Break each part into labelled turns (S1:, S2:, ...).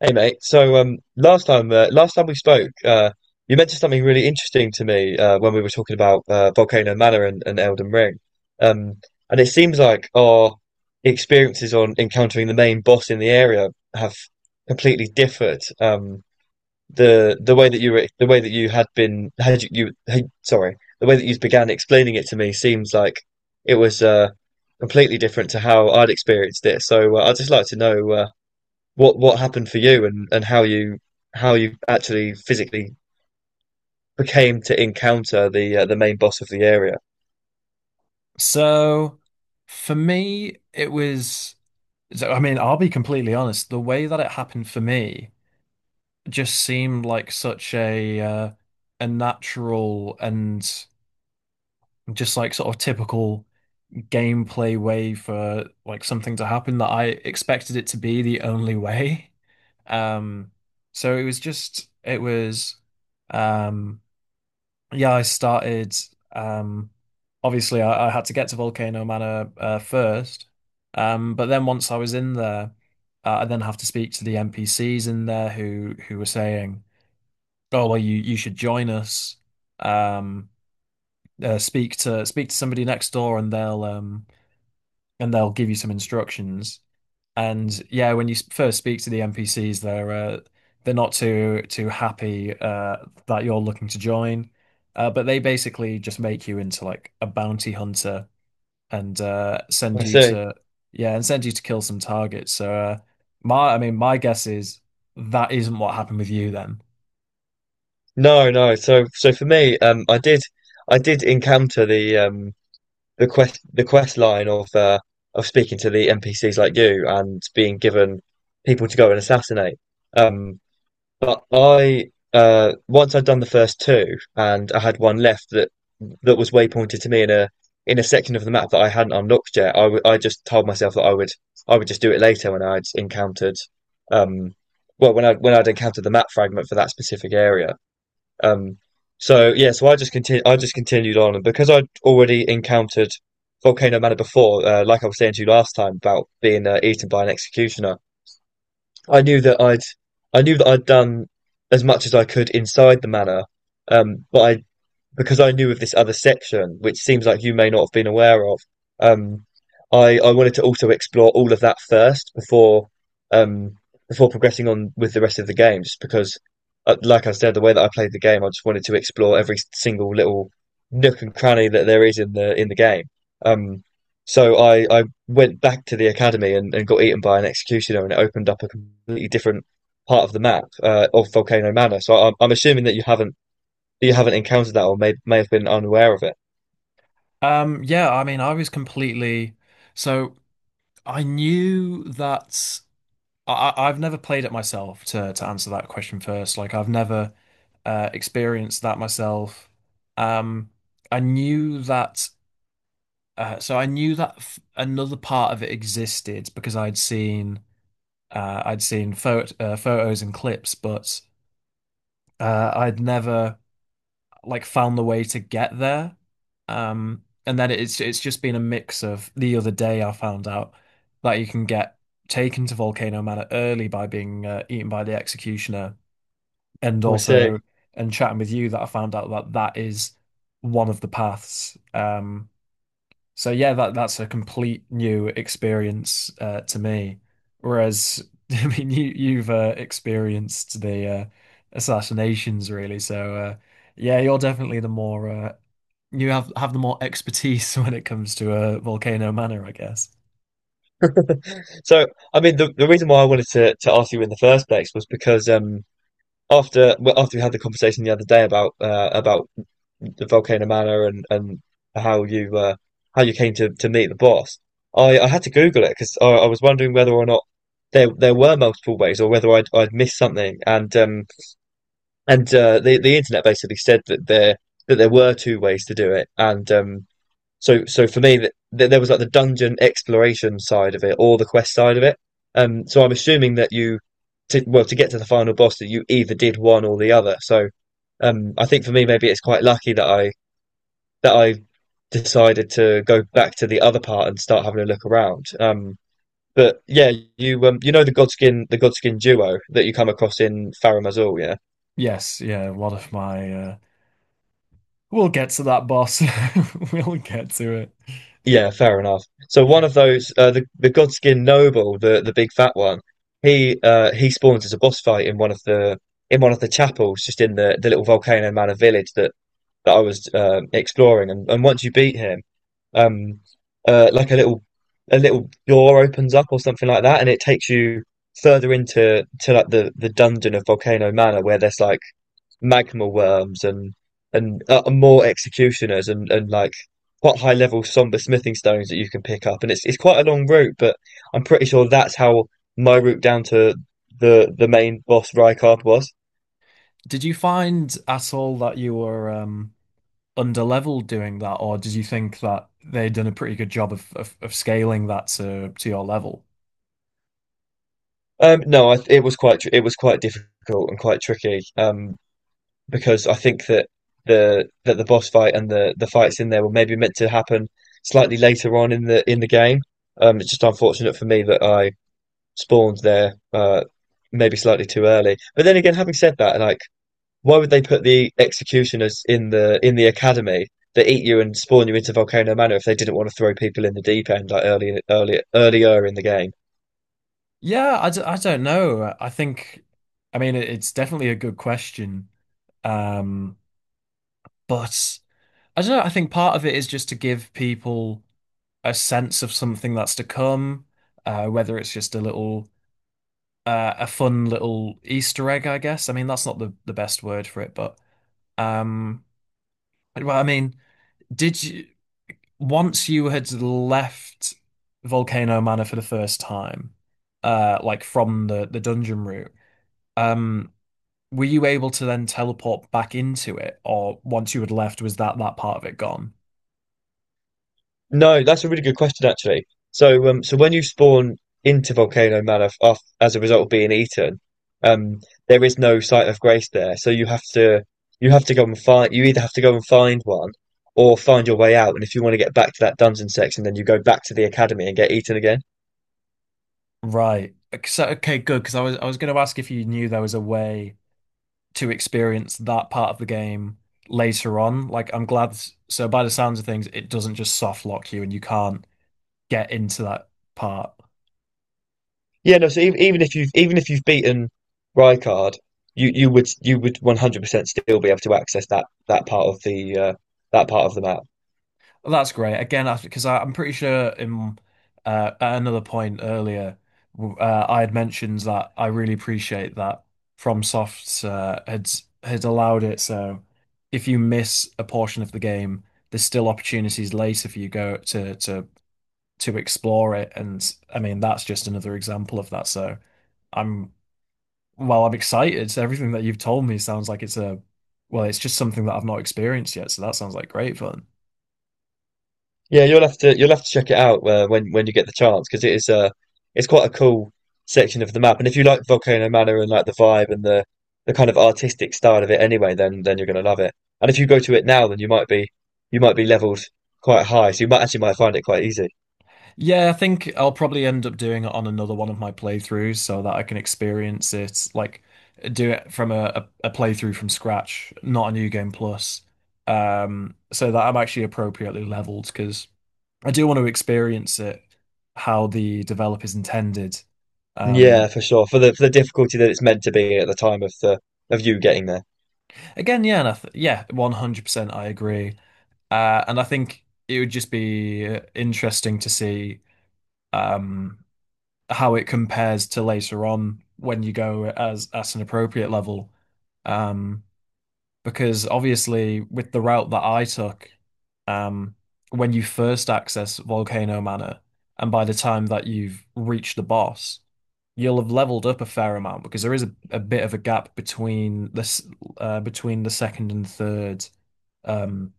S1: Hey mate, last time we spoke, you mentioned something really interesting to me when we were talking about Volcano Manor and Elden Ring. um, and it seems like our experiences on encountering the main boss in the area have completely differed. The way that you were the way that you had been had you, you had- sorry the way that you began explaining it to me seems like it was completely different to how I'd experienced it. So I'd just like to know. What happened for you and how you actually physically became to encounter the main boss of the area.
S2: So for me, it was, I mean, I'll be completely honest, the way that it happened for me just seemed like such a a natural and just like sort of typical gameplay way for like something to happen that I expected it to be the only way. Um, so it was um, yeah, I started. Um, obviously, I had to get to Volcano Manor first, but then once I was in there, I then have to speak to the NPCs in there who were saying, "Oh, well, you should join us. Um, speak to somebody next door, and they'll give you some instructions. And yeah, when you first speak to the NPCs, they're they're not too happy that you're looking to join, but they basically just make you into like a bounty hunter, and send
S1: I
S2: you
S1: see.
S2: to yeah, and send you to kill some targets. So my I mean my guess is that isn't what happened with you then.
S1: No, no. So so for me, I did encounter the the quest line of speaking to the NPCs like you and being given people to go and assassinate. Um, But I once I'd done the first two and I had one left that that was waypointed to me in a section of the map that I hadn't unlocked yet. I just told myself that I would just do it later when I'd encountered um well when I when I'd encountered the map fragment for that specific area. Um so yeah, so I just continu I just continued on, and because I'd already encountered Volcano Manor before, like I was saying to you last time about being eaten by an executioner, I knew that I'd I knew that I'd done as much as I could inside the manor. But I because I knew of this other section, which seems like you may not have been aware of, um, I wanted to also explore all of that first before um, before progressing on with the rest of the game, just because, like I said, the way that I played the game, I just wanted to explore every single little nook and cranny that there is in the game. Um, so I went back to the academy and got eaten by an executioner, and it opened up a completely different part of the map of Volcano Manor. So I'm assuming that you haven't encountered that or may have been unaware of it.
S2: Yeah, I mean I was completely so I knew that I've never played it myself to answer that question first. Like I've never experienced that myself. Um, I knew that, so I knew that f another part of it existed because I'd seen photos and clips, but I'd never like found the way to get there. And then it's just been a mix of the other day I found out that you can get taken to Volcano Manor early by being eaten by the executioner. And
S1: I see.
S2: also and chatting with you that I found out that that is one of the paths. So yeah, that that's a complete new experience to me. Whereas I mean, you've experienced the assassinations really. So yeah, you're definitely the more you have the more expertise when it comes to Volcano Manor, I guess.
S1: So, I mean, the reason why I wanted to ask you in the first place was because after well, after we had the conversation the other day about the Volcano Manor and how you uh, how you came to meet the boss, I had to Google it because I was wondering whether or not there there were multiple ways or whether I'd missed something. And the internet basically said that there that there were two ways to do it, and So, so for me, that th there was like the dungeon exploration side of it, or the quest side of it. So I'm assuming that well, to get to the final boss, that you either did one or the other. So, I think for me, maybe it's quite lucky that I decided to go back to the other part and start having a look around. But yeah, you you know the Godskin duo that you come across in Farum Azula, yeah.
S2: Yes, yeah. One of my we'll get to that, boss. We'll get to it.
S1: Yeah, fair enough. So one of those, the Godskin Noble, the big fat one, he he spawns as a boss fight in one of the in one of the chapels, just in the little Volcano Manor village that that I was exploring. And once you beat him, um, like a little door opens up or something like that, and it takes you further into to like the dungeon of Volcano Manor, where there's like magma worms and more executioners and like quite high level somber smithing stones that you can pick up. And it's quite a long route, but I'm pretty sure that's how my route down to the main boss Rykard was.
S2: Did you find at all that you were underleveled doing that, or did you think that they'd done a pretty good job of scaling that to your level?
S1: No, I, it was it was quite difficult and quite tricky. Because I think that the boss fight and the fights in there were maybe meant to happen slightly later on in the game. It's just unfortunate for me that I spawned there, maybe slightly too early. But then again, having said that, like, why would they put the executioners in the academy that eat you and spawn you into Volcano Manor if they didn't want to throw people in the deep end like early, early, earlier in the game?
S2: Yeah, I don't know. I think, I mean, it's definitely a good question. Um, but I don't know. I think part of it is just to give people a sense of something that's to come, whether it's just a fun little Easter egg, I guess. I mean, that's not the best word for it, but, um, well, I mean, did you, once you had left Volcano Manor for the first time, like from the dungeon route, um, were you able to then teleport back into it, or once you had left, was that that part of it gone?
S1: No, that's a really good question actually. So, so when you spawn into Volcano Manor af as a result of being eaten, um, there is no site of grace there. So you have to go and find. You either have to go and find one, or find your way out. And if you want to get back to that dungeon section, then you go back to the academy and get eaten again.
S2: Right. So, okay, good. Because I was going to ask if you knew there was a way to experience that part of the game later on. Like, I'm glad. So, by the sounds of things, it doesn't just soft lock you, and you can't get into that part.
S1: Yeah, no. So even, even if you've beaten Rykard, you you would 100% still be able to access that that part of the that part of the map.
S2: Well, that's great. Again, because I'm pretty sure in at another point earlier, I had mentioned that I really appreciate that FromSoft had allowed it. So if you miss a portion of the game, there's still opportunities later for you go to explore it. And I mean, that's just another example of that. So I'm I'm excited. So everything that you've told me sounds like it's just something that I've not experienced yet. So that sounds like great fun.
S1: Yeah, you'll have to check it out when you get the chance, because it is it's quite a cool section of the map. And if you like Volcano Manor and like the vibe and the kind of artistic style of it anyway, then you're gonna love it. And if you go to it now, then you might be leveled quite high, so you might actually might find it quite easy.
S2: Yeah, I think I'll probably end up doing it on another one of my playthroughs so that I can experience it, like do it from a playthrough from scratch, not a new game plus. So that I'm actually appropriately leveled because I do want to experience it how the developers intended. Um,
S1: Yeah, for sure. For the difficulty that it's meant to be at the time of the of you getting there.
S2: again, yeah, and I th yeah, 100% I agree. And I think it would just be interesting to see um, how it compares to later on when you go as at an appropriate level. Um, because obviously, with the route that I took, um, when you first access Volcano Manor, and by the time that you've reached the boss, you'll have leveled up a fair amount because there is a bit of a gap between this between the second and third um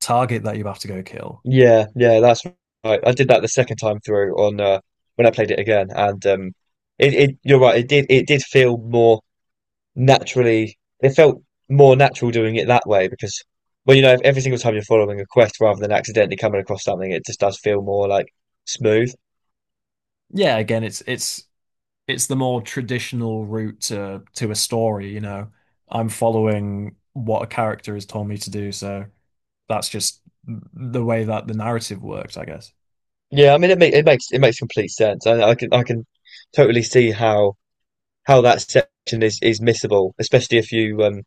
S2: target that you have to go kill.
S1: Yeah, yeah, that's right. I did that the second time through on when I played it again, and it, it you're right. It did feel more naturally it felt more natural doing it that way, because well, you know, if every single time you're following a quest rather than accidentally coming across something, it just does feel more like smooth.
S2: Yeah, again, it's the more traditional route to a story, you know. I'm following what a character has told me to do, so that's just the way that the narrative works, I guess.
S1: Yeah, I mean, it makes it makes it makes complete sense. I can totally see how that section is missable, especially if you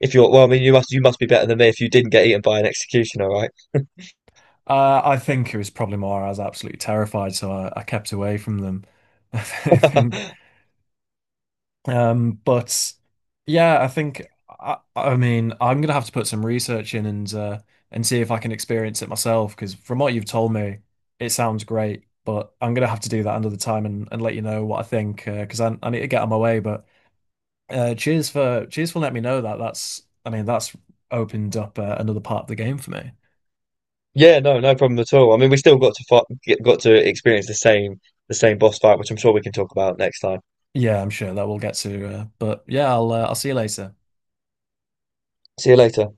S1: if you're well, I mean, you must be better than me if you didn't get eaten by an executioner, right?
S2: I think it was probably more I was absolutely terrified, so I kept away from them. I think but yeah, I think I mean I'm gonna have to put some research in and see if I can experience it myself because from what you've told me, it sounds great. But I'm gonna have to do that another time and let you know what I think 'cause because I need to get on my way. But cheers for letting me know that. That's I mean that's opened up another part of the game for me.
S1: Yeah, no, no problem at all. I mean, we still got to fight, got to experience the same boss fight, which I'm sure we can talk about next time.
S2: Yeah, I'm sure that we'll get to. But yeah, I'll see you later.
S1: See you later.